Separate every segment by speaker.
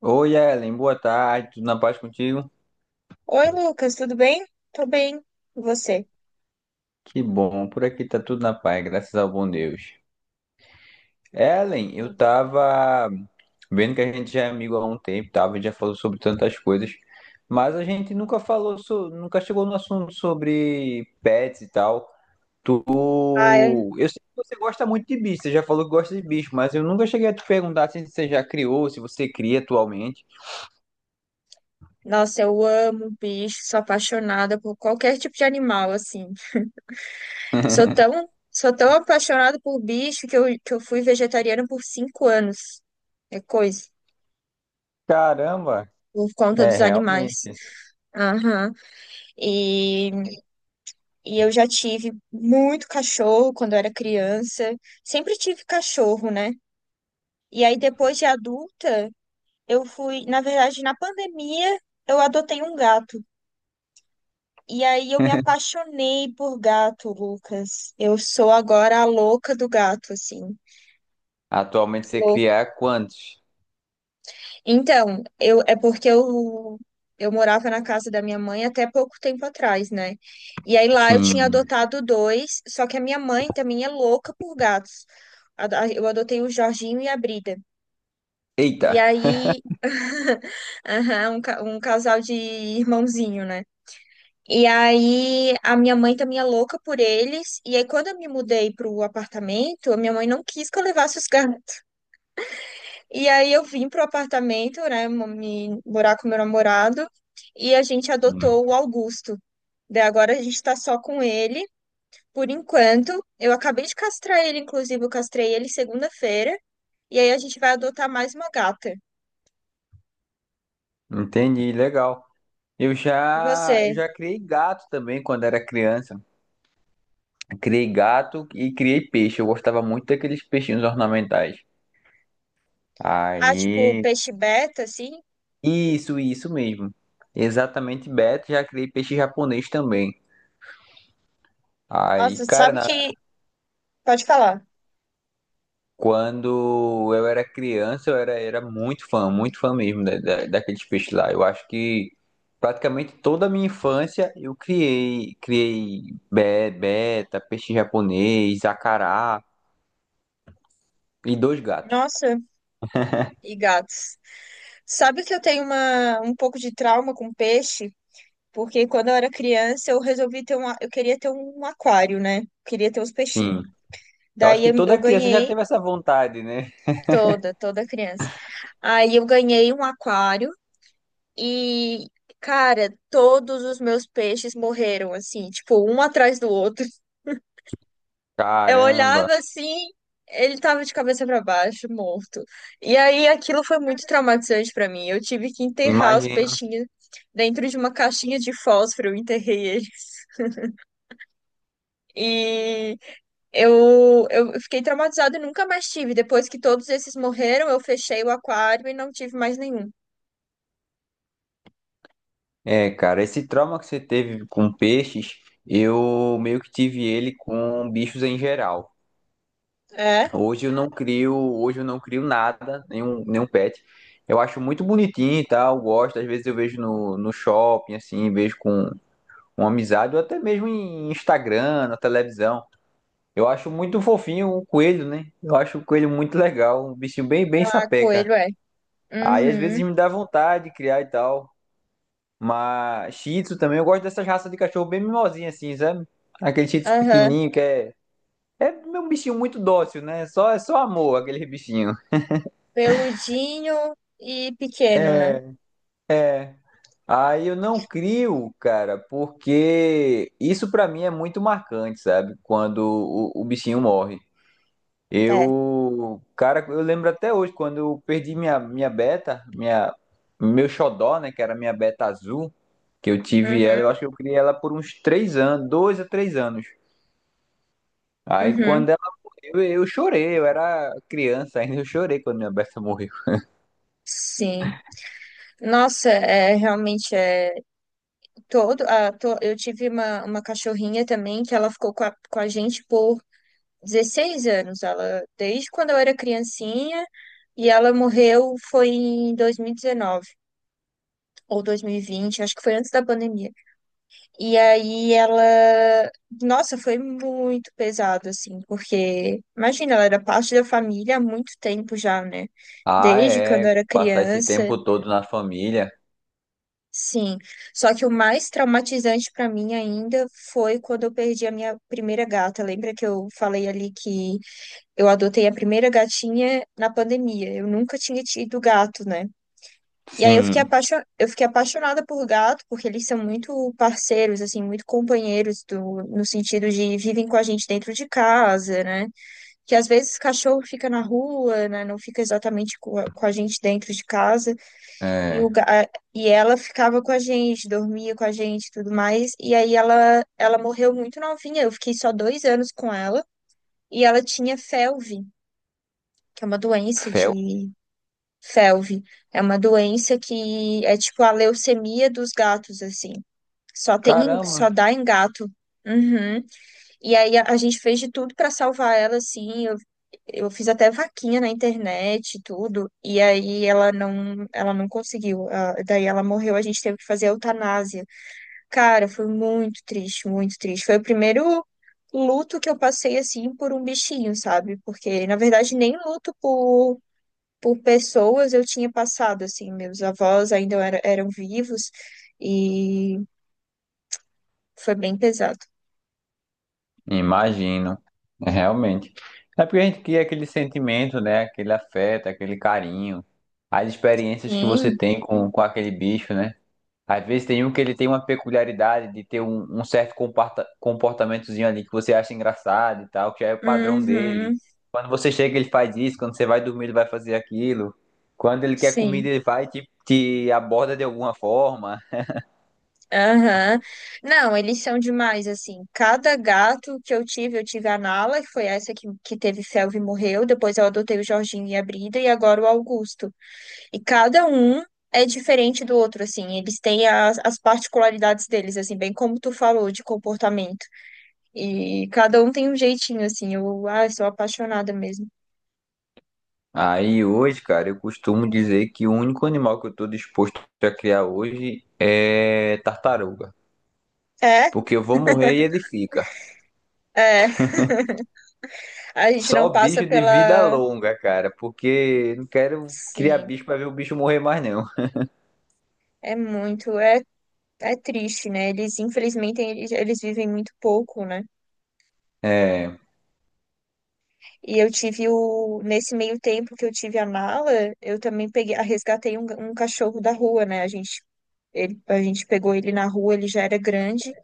Speaker 1: Oi, Ellen, boa tarde, tudo na paz contigo?
Speaker 2: Oi, Lucas, tudo bem? Tô bem. E você?
Speaker 1: Que bom, por aqui tá tudo na paz, graças ao bom Deus. Ellen, eu
Speaker 2: Hum.
Speaker 1: tava vendo que a gente já é amigo há um tempo, a gente já falou sobre tantas coisas, mas a gente nunca falou, nunca chegou no assunto sobre pets e tal. Tu,
Speaker 2: Ai,
Speaker 1: eu sei que você gosta muito de bicho, você já falou que gosta de bicho, mas eu nunca cheguei a te perguntar assim, se você já criou, se você cria atualmente.
Speaker 2: nossa, eu amo bicho, sou apaixonada por qualquer tipo de animal, assim. Sou tão apaixonada por bicho que eu fui vegetariana por cinco anos. É coisa,
Speaker 1: Caramba,
Speaker 2: por conta
Speaker 1: é
Speaker 2: dos animais.
Speaker 1: realmente.
Speaker 2: Aham. E, e eu já tive muito cachorro quando eu era criança. Sempre tive cachorro, né? E aí, depois de adulta, eu fui, na verdade, na pandemia, eu adotei um gato. E aí eu me apaixonei por gato, Lucas. Eu sou agora a louca do gato, assim,
Speaker 1: Atualmente você
Speaker 2: louca.
Speaker 1: cria quantos?
Speaker 2: Então, eu é porque eu morava na casa da minha mãe até pouco tempo atrás, né? E aí lá eu tinha
Speaker 1: Sim.
Speaker 2: adotado dois, só que a minha mãe também é louca por gatos. Eu adotei o Jorginho e a Brida. E
Speaker 1: Eita,
Speaker 2: aí, aham, um casal de irmãozinho, né? E aí a minha mãe também é louca por eles. E aí quando eu me mudei pro apartamento, a minha mãe não quis que eu levasse os gatos. E aí eu vim pro apartamento, né, mo- me morar com meu namorado, e a gente adotou o Augusto. Daí agora a gente tá só com ele por enquanto. Eu acabei de castrar ele, inclusive eu castrei ele segunda-feira, e aí a gente vai adotar mais uma gata.
Speaker 1: entendi, legal. Eu
Speaker 2: E
Speaker 1: já,
Speaker 2: você?
Speaker 1: já criei gato também quando era criança. Criei gato e criei peixe. Eu gostava muito daqueles peixinhos ornamentais.
Speaker 2: Ah, tipo
Speaker 1: Aí,
Speaker 2: peixe beta assim?
Speaker 1: isso mesmo. Exatamente, Beto. Já criei peixe japonês também. Aí,
Speaker 2: Nossa,
Speaker 1: cara,
Speaker 2: sabe
Speaker 1: na
Speaker 2: que pode falar.
Speaker 1: quando eu era criança, eu era muito fã mesmo daqueles peixes lá. Eu acho que praticamente toda a minha infância eu beta, peixe japonês, acará e dois gatos.
Speaker 2: Nossa, e gatos. Sabe que eu tenho uma, um pouco de trauma com peixe? Porque quando eu era criança, eu resolvi ter um, eu queria ter um aquário, né? Queria ter os peixinhos.
Speaker 1: Sim, eu acho
Speaker 2: Daí
Speaker 1: que
Speaker 2: eu, eu
Speaker 1: toda criança já
Speaker 2: ganhei
Speaker 1: teve essa vontade, né?
Speaker 2: toda, toda criança. Aí eu ganhei um aquário e, cara, todos os meus peixes morreram, assim, tipo, um atrás do outro. Eu
Speaker 1: Caramba,
Speaker 2: olhava assim, ele tava de cabeça pra baixo, morto. E aí aquilo foi muito traumatizante pra mim. Eu tive que enterrar os
Speaker 1: imagino.
Speaker 2: peixinhos dentro de uma caixinha de fósforo, eu enterrei eles. E eu fiquei traumatizada e nunca mais tive. Depois que todos esses morreram, eu fechei o aquário e não tive mais nenhum.
Speaker 1: É, cara, esse trauma que você teve com peixes, eu meio que tive ele com bichos em geral.
Speaker 2: É?
Speaker 1: Hoje eu não crio, nada, nenhum pet. Eu acho muito bonitinho e tal, gosto. Às vezes eu vejo no shopping, assim, vejo com uma amizade, ou até mesmo em Instagram, na televisão. Eu acho muito fofinho o coelho, né? Eu acho o coelho muito legal, um bichinho bem, bem
Speaker 2: Ah,
Speaker 1: sapeca.
Speaker 2: coelho é.
Speaker 1: Aí às vezes
Speaker 2: Uhum,
Speaker 1: me dá vontade de criar e tal. Mas Shih Tzu também, eu gosto dessas raças de cachorro bem mimosinha, assim, sabe? Aquele Shih Tzu
Speaker 2: aham.
Speaker 1: pequenininho que é. É um bichinho muito dócil, né? Só, é só amor, aquele bichinho.
Speaker 2: Peludinho e pequeno, né?
Speaker 1: É. Aí eu não crio, cara, porque isso pra mim é muito marcante, sabe? Quando o bichinho morre.
Speaker 2: É.
Speaker 1: Eu, cara, eu lembro até hoje quando eu perdi minha beta, minha meu xodó, né, que era minha beta azul, que eu tive ela, eu
Speaker 2: Uhum,
Speaker 1: acho que eu criei ela por uns 3 anos, 2 a 3 anos. Aí
Speaker 2: uhum.
Speaker 1: quando ela morreu, eu chorei, eu era criança ainda, eu chorei quando minha beta morreu.
Speaker 2: Sim. Nossa, é realmente é. Eu tive uma cachorrinha também que ela ficou com a gente por 16 anos. Ela, desde quando eu era criancinha, e ela morreu foi em 2019 ou 2020 acho que foi antes da pandemia. E aí ela, nossa, foi muito pesado assim, porque imagina, ela era parte da família há muito tempo já, né?
Speaker 1: Ah,
Speaker 2: Desde quando
Speaker 1: é,
Speaker 2: eu era
Speaker 1: passar esse
Speaker 2: criança.
Speaker 1: tempo todo na família.
Speaker 2: Sim, só que o mais traumatizante para mim ainda foi quando eu perdi a minha primeira gata. Lembra que eu falei ali que eu adotei a primeira gatinha na pandemia? Eu nunca tinha tido gato, né? E aí
Speaker 1: Sim.
Speaker 2: eu fiquei apaixonada por gato, porque eles são muito parceiros, assim, muito companheiros do... no sentido de vivem com a gente dentro de casa, né? Que às vezes cachorro fica na rua, né? Não fica exatamente com a gente dentro de casa. E,
Speaker 1: É.
Speaker 2: o, ga- a- e ela ficava com a gente, dormia com a gente e tudo mais. E aí ela morreu muito novinha. Eu fiquei só dois anos com ela. E ela tinha FeLV, que é uma doença
Speaker 1: Fel?
Speaker 2: de. FeLV. É uma doença que é tipo a leucemia dos gatos, assim.
Speaker 1: Caramba,
Speaker 2: Só dá em gato. Uhum. E aí a gente fez de tudo pra salvar ela, assim. Eu fiz até vaquinha na internet e tudo, e aí ela não conseguiu. Daí ela morreu, a gente teve que fazer a eutanásia. Cara, foi muito triste, muito triste. Foi o primeiro luto que eu passei assim por um bichinho, sabe? Porque na verdade nem luto por pessoas eu tinha passado assim, meus avós eram vivos e foi bem pesado.
Speaker 1: imagino. É, realmente. É porque a gente cria aquele sentimento, né? Aquele afeto, aquele carinho, as experiências que você
Speaker 2: Sim.
Speaker 1: tem com aquele bicho, né? Às vezes tem um que ele tem uma peculiaridade de ter um certo comportamentozinho ali que você acha engraçado e tal, que já é o padrão dele.
Speaker 2: Uhum.
Speaker 1: Quando você chega, ele faz isso, quando você vai dormir, ele vai fazer aquilo. Quando ele quer
Speaker 2: Sim.
Speaker 1: comida, ele vai e te aborda de alguma forma.
Speaker 2: Aham. Não, eles são demais, assim. Cada gato que eu tive a Nala, que foi essa que teve felve e morreu. Depois eu adotei o Jorginho e a Brida, e agora o Augusto. E cada um é diferente do outro, assim. Eles têm as, as particularidades deles, assim, bem como tu falou, de comportamento. E cada um tem um jeitinho, assim. Eu, ah, sou apaixonada mesmo.
Speaker 1: Aí hoje, cara, eu costumo dizer que o único animal que eu tô disposto a criar hoje é tartaruga.
Speaker 2: É,
Speaker 1: Porque eu vou morrer e ele fica.
Speaker 2: é. A gente
Speaker 1: Só
Speaker 2: não
Speaker 1: bicho
Speaker 2: passa
Speaker 1: de vida
Speaker 2: pela.
Speaker 1: longa, cara, porque não quero criar
Speaker 2: Sim.
Speaker 1: bicho pra ver o bicho morrer mais não.
Speaker 2: É muito. É é triste, né? Eles, infelizmente, eles vivem muito pouco, né?
Speaker 1: É,
Speaker 2: E eu tive o. Nesse meio tempo que eu tive a mala, eu também peguei, ah, resgatei um, um cachorro da rua, né? A gente, ele, a gente pegou ele na rua, ele já era grande.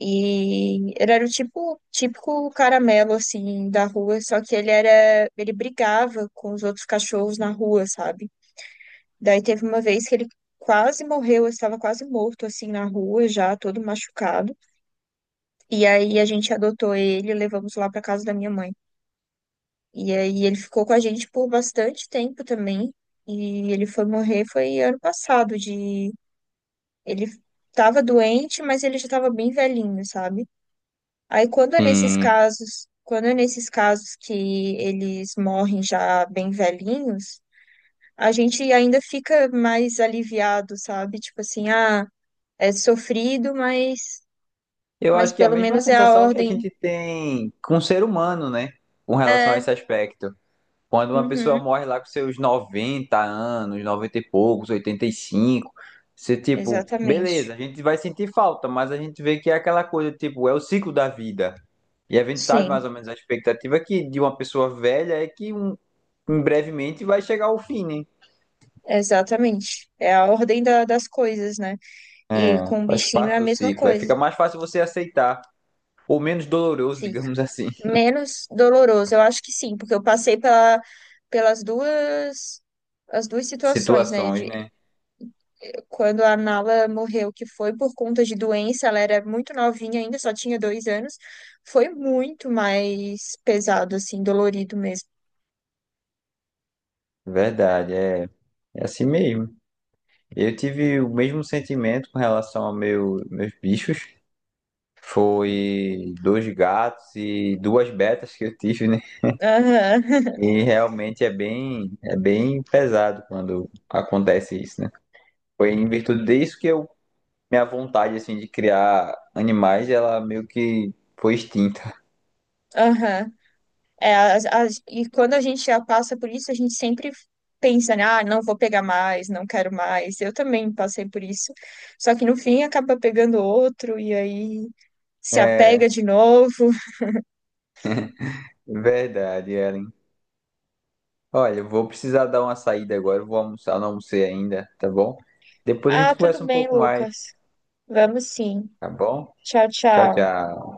Speaker 2: E ele era o tipo, típico caramelo, assim, da rua. Só que ele era. Ele brigava com os outros cachorros na rua, sabe? Daí teve uma vez que ele quase morreu, eu estava quase morto, assim, na rua, já todo machucado. E aí a gente adotou ele, e levamos lá para casa da minha mãe. E aí ele ficou com a gente por bastante tempo também. E ele foi morrer foi ano passado de ele estava doente, mas ele já estava bem velhinho, sabe? Aí
Speaker 1: hum,
Speaker 2: quando é nesses casos que eles morrem já bem velhinhos, a gente ainda fica mais aliviado, sabe? Tipo assim, ah, é sofrido, mas
Speaker 1: eu
Speaker 2: mas
Speaker 1: acho que é a
Speaker 2: pelo
Speaker 1: mesma
Speaker 2: menos é a
Speaker 1: sensação que a
Speaker 2: ordem.
Speaker 1: gente tem com o ser humano, né? Com relação a
Speaker 2: É,
Speaker 1: esse aspecto. Quando uma pessoa
Speaker 2: uhum,
Speaker 1: morre lá com seus 90 anos, 90 e poucos, 85, você, tipo,
Speaker 2: exatamente.
Speaker 1: beleza, a gente vai sentir falta, mas a gente vê que é aquela coisa, tipo, é o ciclo da vida. E a gente sabe mais
Speaker 2: Sim,
Speaker 1: ou menos a expectativa que de uma pessoa velha é que um, em brevemente vai chegar ao fim, né?
Speaker 2: exatamente. Das coisas, né? E
Speaker 1: É,
Speaker 2: com o
Speaker 1: faz
Speaker 2: bichinho é
Speaker 1: parte
Speaker 2: a
Speaker 1: do
Speaker 2: mesma
Speaker 1: ciclo. Aí
Speaker 2: coisa.
Speaker 1: fica mais fácil você aceitar, ou menos doloroso,
Speaker 2: Fica
Speaker 1: digamos assim,
Speaker 2: menos doloroso, eu acho que sim, porque eu passei pelas duas as duas situações, né?
Speaker 1: situações,
Speaker 2: De,
Speaker 1: né?
Speaker 2: quando a Nala morreu, que foi por conta de doença, ela era muito novinha ainda, só tinha dois anos, foi muito mais pesado, assim, dolorido mesmo.
Speaker 1: Verdade, é, é assim mesmo. Eu tive o mesmo sentimento com relação aos meus bichos. Foi dois gatos e duas betas que eu tive, né?
Speaker 2: Aham,
Speaker 1: E realmente é bem pesado quando acontece isso, né? Foi em virtude disso que eu, minha vontade, assim, de criar animais, ela meio que foi extinta.
Speaker 2: aham. É, e quando a gente já passa por isso, a gente sempre pensa, né, ah, não vou pegar mais, não quero mais. Eu também passei por isso. Só que no fim acaba pegando outro e aí se apega
Speaker 1: É,
Speaker 2: de novo.
Speaker 1: verdade, Ellen. Olha, eu vou precisar dar uma saída agora, eu vou almoçar, não almocei ainda, tá bom? Depois a
Speaker 2: Ah,
Speaker 1: gente
Speaker 2: tudo
Speaker 1: conversa um
Speaker 2: bem,
Speaker 1: pouco mais,
Speaker 2: Lucas. Vamos sim.
Speaker 1: tá bom?
Speaker 2: Tchau,
Speaker 1: Tchau,
Speaker 2: tchau.
Speaker 1: tchau.